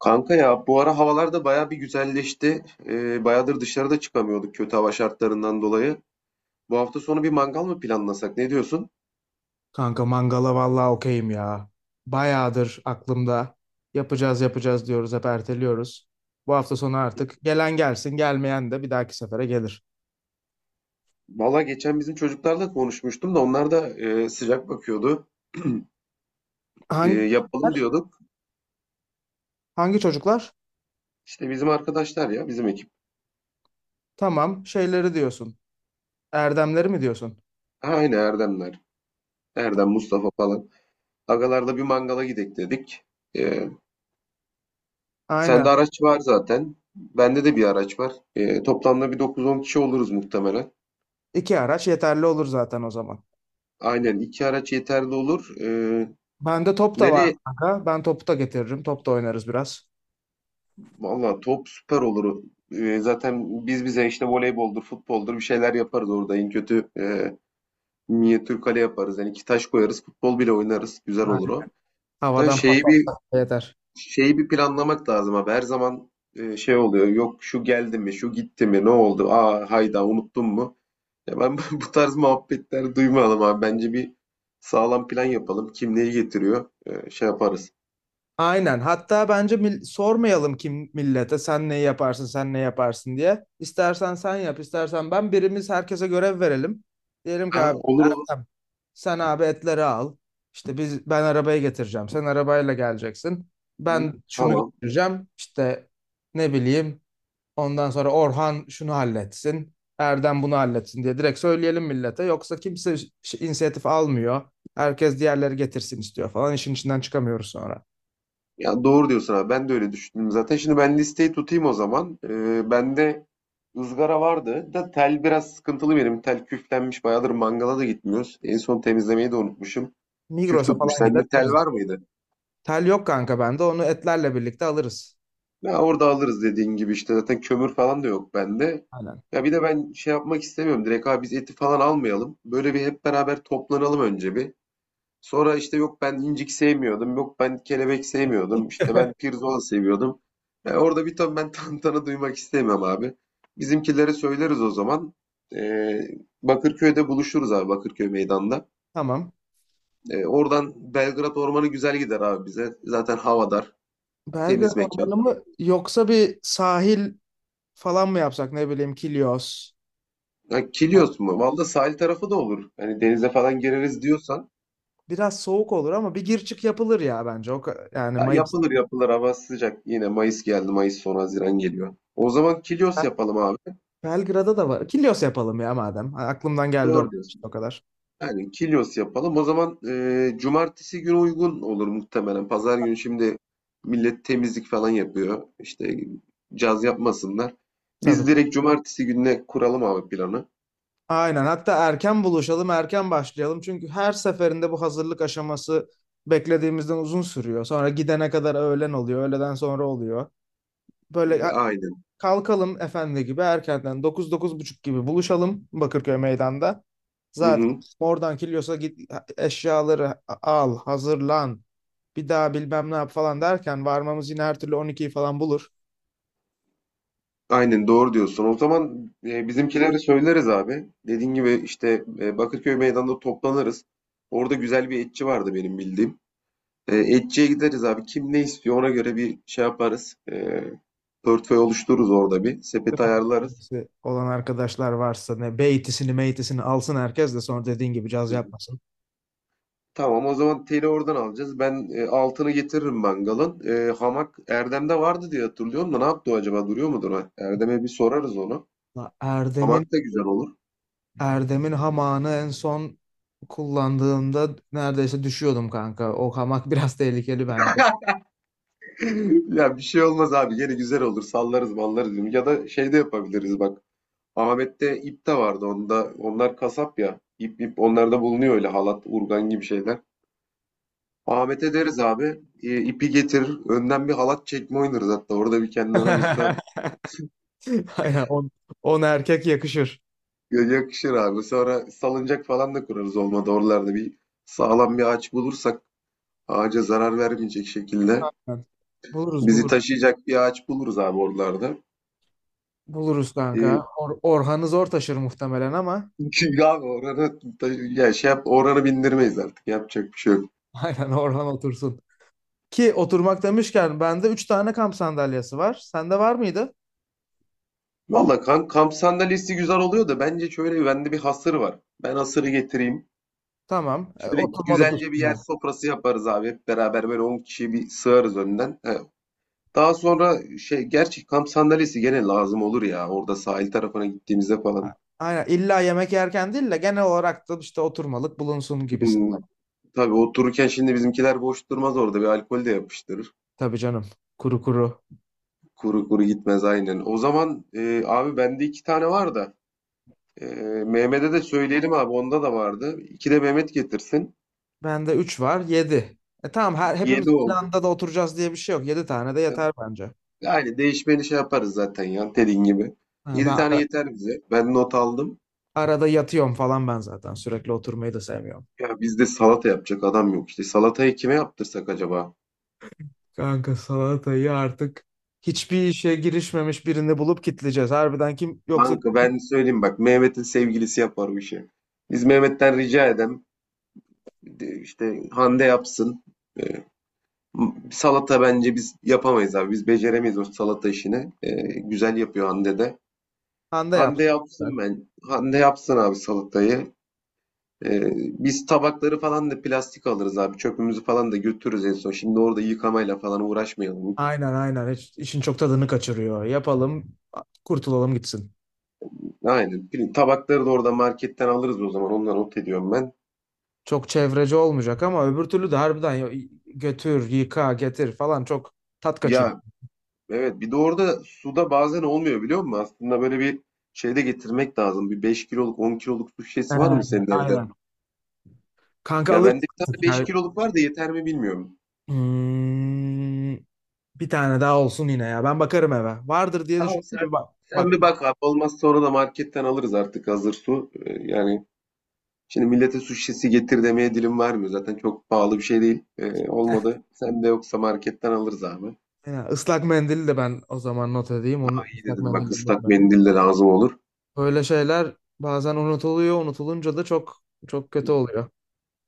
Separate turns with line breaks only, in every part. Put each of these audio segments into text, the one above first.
Kanka ya bu ara havalar da baya bir güzelleşti. Bayağıdır dışarıda çıkamıyorduk kötü hava şartlarından dolayı. Bu hafta sonu bir mangal mı planlasak? Ne diyorsun?
Kanka mangala vallahi okeyim ya. Bayağıdır aklımda. Yapacağız diyoruz, hep erteliyoruz. Bu hafta sonu artık gelen gelsin, gelmeyen de bir dahaki sefere gelir.
Valla geçen bizim çocuklarla konuşmuştum da onlar da sıcak bakıyordu. E,
Hangi
yapalım
çocuklar?
diyorduk.
Hangi çocuklar?
İşte bizim arkadaşlar ya bizim ekip.
Tamam, şeyleri diyorsun. Erdemleri mi diyorsun?
Ha, aynı Erdemler. Erdem, Mustafa falan. Agalarla bir mangala gidek dedik. E,
Aynen.
sende araç var zaten. Bende de bir araç var. Toplamda bir dokuz on kişi oluruz muhtemelen.
İki araç yeterli olur zaten o zaman.
Aynen iki araç yeterli olur.
Bende top da var
Nereye?
kanka. Ben topu da getiririm. Top da oynarız biraz.
Valla top süper olur. Zaten biz bize işte voleyboldur, futboldur bir şeyler yaparız orada. En kötü minyatür kale yaparız. Yani iki taş koyarız, futbol bile oynarız. Güzel olur o. Da
Havadan pas
şeyi
da
bir
yeter.
şeyi bir planlamak lazım abi. Her zaman şey oluyor. Yok şu geldi mi, şu gitti mi, ne oldu? Aa hayda unuttun mu? Ya ben bu tarz muhabbetler duymayalım abi. Bence bir sağlam plan yapalım. Kim neyi getiriyor? Şey yaparız.
Aynen. Hatta bence sormayalım kim millete, sen ne yaparsın sen ne yaparsın diye. İstersen sen yap, istersen ben, birimiz herkese görev verelim. Diyelim ki
Ha,
abi
olur olur.
Ertem, sen abi etleri al. İşte ben arabayı getireceğim. Sen arabayla geleceksin.
Hı,
Ben şunu
tamam.
getireceğim. İşte ne bileyim. Ondan sonra Orhan şunu halletsin, Erdem bunu halletsin diye direkt söyleyelim millete. Yoksa kimse inisiyatif almıyor. Herkes diğerleri getirsin istiyor falan. İşin içinden çıkamıyoruz sonra.
Ya doğru diyorsun abi. Ben de öyle düşündüm zaten. Şimdi ben listeyi tutayım o zaman. Bende ızgara vardı da tel biraz sıkıntılı benim. Tel küflenmiş. Bayağıdır mangala da gitmiyoruz. En son temizlemeyi de unutmuşum. Küf
Migros'a
tutmuş.
falan gider
Sende tel
alırız.
var mıydı?
Tel yok kanka bende. Onu etlerle birlikte alırız.
Ya orada alırız dediğin gibi işte. Zaten kömür falan da yok bende.
Aynen.
Ya bir de ben şey yapmak istemiyorum. Direkt abi biz eti falan almayalım. Böyle bir hep beraber toplanalım önce bir. Sonra işte yok ben incik sevmiyordum, yok ben kelebek sevmiyordum, işte ben pirzola seviyordum. Orada bir ton ben tantana duymak istemem abi. Bizimkilere söyleriz o zaman. E, Bakırköy'de buluşuruz abi, Bakırköy meydanda.
Tamam.
Oradan Belgrad Ormanı güzel gider abi bize. Zaten havadar, temiz
Belgrad
mekan.
Ormanı mı, yoksa bir sahil falan mı yapsak, ne bileyim, Kilyos.
Ha,
Yani
Kilyos mu? Valla sahil tarafı da olur. Hani denize falan gireriz diyorsan.
biraz soğuk olur ama bir gir çık yapılır ya bence. Yani
Ya
Mayıs.
yapılır yapılır, hava sıcak. Yine Mayıs geldi, Mayıs sonu Haziran geliyor. O zaman Kilyos yapalım abi.
Belgrad'a da var. Kilyos yapalım ya madem. Ha, aklımdan geldi
Doğru
o,
diyorsun.
işte o kadar.
Yani Kilyos yapalım. O zaman cumartesi günü uygun olur muhtemelen. Pazar günü şimdi millet temizlik falan yapıyor. İşte caz yapmasınlar. Biz
Tabii.
direkt cumartesi gününe kuralım abi planı.
Aynen. Hatta erken buluşalım, erken başlayalım. Çünkü her seferinde bu hazırlık aşaması beklediğimizden uzun sürüyor. Sonra gidene kadar öğlen oluyor, öğleden sonra oluyor. Böyle
E,
ya-
Aynen.
Kalkalım efendi gibi erkenden dokuz buçuk gibi buluşalım Bakırköy meydanda.
Hı
Zaten
hı.
oradan Kilyos'a git, eşyaları al, hazırlan. Bir daha bilmem ne yap falan derken varmamız yine her türlü on ikiyi falan bulur.
Aynen doğru diyorsun. O zaman bizimkileri söyleriz abi. Dediğin gibi işte Bakırköy Meydan'da toplanırız. Orada güzel bir etçi vardı benim bildiğim. Etçiye gideriz abi. Kim ne istiyor ona göre bir şey yaparız. Portföy oluştururuz orada bir. Sepet ayarlarız.
İşte olan arkadaşlar varsa ne beytisini meytisini alsın herkes, de sonra dediğin gibi caz
Hı hı.
yapmasın.
Tamam, o zaman teli oradan alacağız. Ben altını getiririm mangalın. Hamak Erdem'de vardı diye hatırlıyorum da ne yaptı o acaba? Duruyor mudur? Ha? Erdem'e bir sorarız onu.
La
Hamak
Erdem'in
da güzel olur.
Erdem'in hamağını en son kullandığımda neredeyse düşüyordum kanka. O hamak biraz tehlikeli bence.
Ya bir şey olmaz abi. Yine güzel olur. Sallarız mallarız. Ya da şey de yapabiliriz bak. Ahmet'te ip de vardı. Onda, onlar kasap ya. İp onlarda bulunuyor, öyle halat, urgan gibi şeyler. Ahmet'e deriz abi. E, ipi getir. Önden bir halat çekme oynarız hatta. Orada bir kendi aramızda.
Aynen on erkek yakışır.
Ya, yakışır abi. Sonra salıncak falan da kurarız olmadı. Oralarda bir sağlam bir ağaç bulursak, ağaca zarar vermeyecek şekilde
Buluruz
bizi
buluruz.
taşıyacak bir ağaç buluruz abi oralarda.
Buluruz
Ee,
kanka. Orhan'ı zor taşır muhtemelen ama.
Çünkü abi ya şey yap, oranı bindirmeyiz artık. Yapacak bir şey yok.
Aynen, Orhan otursun. Ki oturmak demişken bende 3 tane kamp sandalyesi var. Sende var mıydı?
Valla kamp sandalyesi güzel oluyor da, bence şöyle, bende bir hasır var. Ben hasırı getireyim.
Tamam. E,
Şöyle
oturmalık
güzelce bir yer
üstüne.
sofrası yaparız abi. Hep beraber böyle 10 kişiyi bir sığarız önden. Daha sonra şey, gerçi kamp sandalyesi gene lazım olur ya, orada sahil tarafına gittiğimizde
A-
falan.
Aynen. İlla yemek yerken değil de genel olarak da işte oturmalık bulunsun gibisin.
Hmm, tabii otururken şimdi bizimkiler boş durmaz, orada bir alkol de yapıştırır.
Tabii canım. Kuru kuru.
Kuru kuru gitmez, aynen. O zaman abi bende iki tane var da, e, Mehmet'e de söyleyelim abi, onda da vardı. İki de Mehmet getirsin.
Bende 3 var. Yedi. Tamam, hepimiz
Yedi
aynı
oldu.
anda da oturacağız diye bir şey yok. Yedi tane de yeter bence.
Yani değişmeni şey yaparız zaten ya, dediğin gibi.
Ha,
Yedi
ben
tane
ara-
yeter bize. Ben not aldım.
Arada yatıyorum falan ben zaten. Sürekli oturmayı da sevmiyorum.
Ya bizde salata yapacak adam yok işte. Salatayı kime yaptırsak acaba?
Kanka salatayı artık hiçbir işe girişmemiş birini bulup kitleyeceğiz. Harbiden kim yoksa
Kanka ben söyleyeyim bak, Mehmet'in sevgilisi yapar bu işi. Biz Mehmet'ten rica işte Hande yapsın. Ee, salata bence biz yapamayız abi. Biz beceremeyiz o salata işini. Güzel yapıyor Hande de.
anda yap.
Hande yapsın ben. Hande yapsın abi salatayı. Biz tabakları falan da plastik alırız abi. Çöpümüzü falan da götürürüz en son. Şimdi orada yıkamayla falan uğraşmayalım.
Aynen aynen. Hiç, işin çok tadını kaçırıyor. Yapalım, kurtulalım gitsin.
Aynen. Tabakları da orada marketten alırız o zaman. Onları not ediyorum ben.
Çok çevreci olmayacak ama öbür türlü de harbiden, götür, yıka, getir falan, çok tat kaçırıyor.
Ya, evet, bir de orada suda bazen olmuyor biliyor musun? Aslında böyle bir şey de getirmek lazım. Bir 5 kiloluk, 10 kiloluk su şişesi var
Ee,
mı senin evde?
aynen. Kanka
Ya
alırız.
bende bir tane 5 kiloluk var da yeter mi bilmiyorum.
Hmm, Bir tane daha olsun yine ya. Ben bakarım eve. Vardır diye
Tamam,
düşündüm, de
sen
bir bak.
sen
Bak,
bir bak
bak.
abi, olmaz sonra da marketten alırız artık hazır su. Yani şimdi millete su şişesi getir demeye dilim varmıyor. Zaten çok pahalı bir şey değil. Olmadı. Sen de yoksa marketten alırız abi.
Ya, ıslak mendili de ben o zaman not edeyim. Onu,
İyi
ıslak
dedim bak,
mendili de
ıslak
unutmayayım.
mendille lazım olur.
Böyle şeyler bazen unutuluyor. Unutulunca da çok kötü oluyor.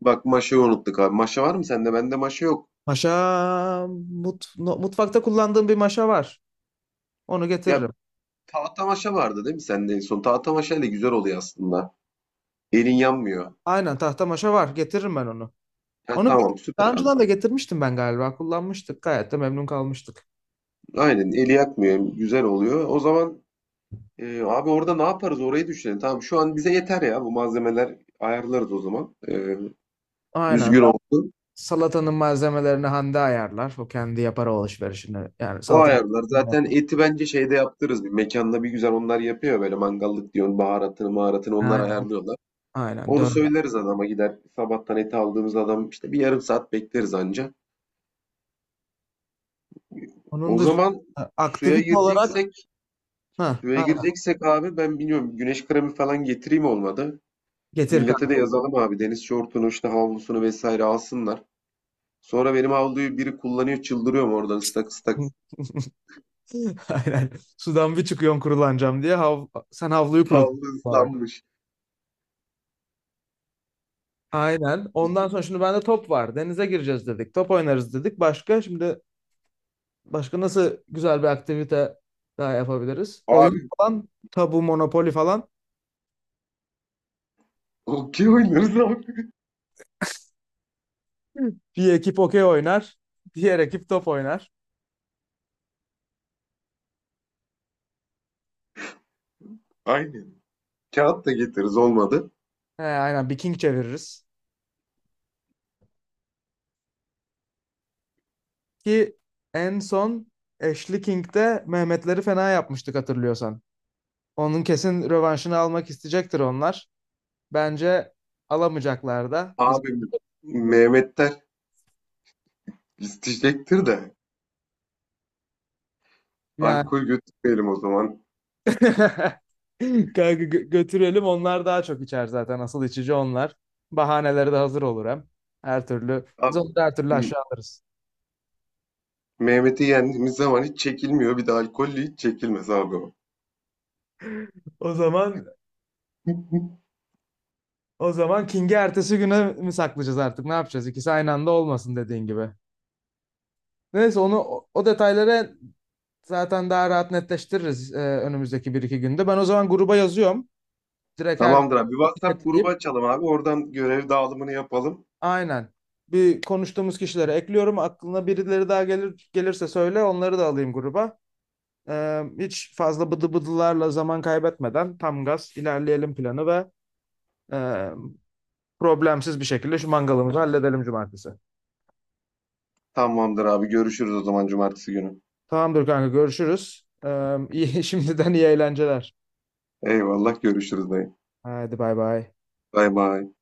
Bak, maşayı unuttuk abi. Maşa var mı sende? Bende maşa yok.
Maşa mut, no- Mutfakta kullandığım bir maşa var. Onu
Ya,
getiririm.
tahtamaşa vardı değil mi sende en son? Tahtamaşa ile güzel oluyor aslında. Elin yanmıyor.
Aynen, tahta maşa var. Getiririm ben onu.
Ha,
Onu
tamam, süper
daha
abi.
önceden de getirmiştim ben galiba. Kullanmıştık. Gayet de memnun kalmıştık.
Aynen, eli yakmıyor. Güzel oluyor. O zaman abi orada ne yaparız, orayı düşünelim. Tamam, şu an bize yeter ya, bu malzemeler, ayarlarız o zaman. E,
Aynen.
düzgün olsun.
Salatanın malzemelerini Hande ayarlar. O kendi yapar o alışverişini. Yani
O
salata.
ayarlar. Zaten eti bence şeyde yaptırırız. Bir mekanda bir güzel onlar yapıyor, böyle mangallık diyor, baharatını maharatını onlar
Aynen.
ayarlıyorlar.
Aynen.
Onu
Döner.
söyleriz adama, gider sabahtan eti aldığımız adam işte, bir yarım saat bekleriz anca.
Onun
O zaman
dışında
suya
aktivite olarak
gireceksek
ha,
Suya
aynen.
gireceksek abi, ben biliyorum güneş kremi falan getireyim olmadı.
Getir
Millete
kanka.
de yazalım abi deniz şortunu işte havlusunu vesaire alsınlar. Sonra benim havluyu biri kullanıyor, çıldırıyorum oradan, ıslak ıslak.
Aynen. Sudan bir çıkıyorsun kurulanacağım diye. Sen havluyu kurutun
Havlu
sonra.
ıslanmış.
Aynen. Ondan sonra şimdi bende top var. Denize gireceğiz dedik. Top oynarız dedik. Başka nasıl güzel bir aktivite daha yapabiliriz? Oyun
Abi
falan, tabu, monopoli falan.
okey oynarız abi.
Bir ekip okey oynar, diğer ekip top oynar.
Aynen. Kağıt da getiririz olmadı.
He, aynen, bir king çeviririz. Ki en son Ashley King'de Mehmetleri fena yapmıştık hatırlıyorsan. Onun kesin rövanşını almak isteyecektir onlar. Bence alamayacaklar da. Biz
Abi Mehmetler isteyecektir de,
yani
alkol götürmeyelim o zaman.
kanka, götürelim, onlar daha çok içer zaten. Asıl içici onlar. Bahaneleri de hazır olur hem. Her türlü biz
Abi
onu da her türlü aşağı alırız.
Mehmet'i yendiğimiz zaman hiç çekilmiyor. Bir de alkollü hiç çekilmez abi o.
O zaman O zaman King'i ertesi güne mi saklayacağız artık? Ne yapacağız? İkisi aynı anda olmasın dediğin gibi. Neyse, o detayları zaten daha rahat netleştiririz önümüzdeki bir iki günde. Ben o zaman gruba yazıyorum. Direkt her
Tamamdır abi. Bir WhatsApp grubu
ekleyip
açalım abi. Oradan görev dağılımını yapalım.
Aynen. Bir konuştuğumuz kişileri ekliyorum. Aklına birileri daha gelirse söyle, onları da alayım gruba. Hiç fazla bıdı bıdılarla zaman kaybetmeden tam gaz ilerleyelim planı ve e, problemsiz bir şekilde şu mangalımızı halledelim cumartesi.
Tamamdır abi. Görüşürüz o zaman cumartesi günü.
Tamamdır kanka, görüşürüz. İyi, şimdiden iyi eğlenceler.
Eyvallah, görüşürüz dayı.
Hadi bay bay.
Bay bay.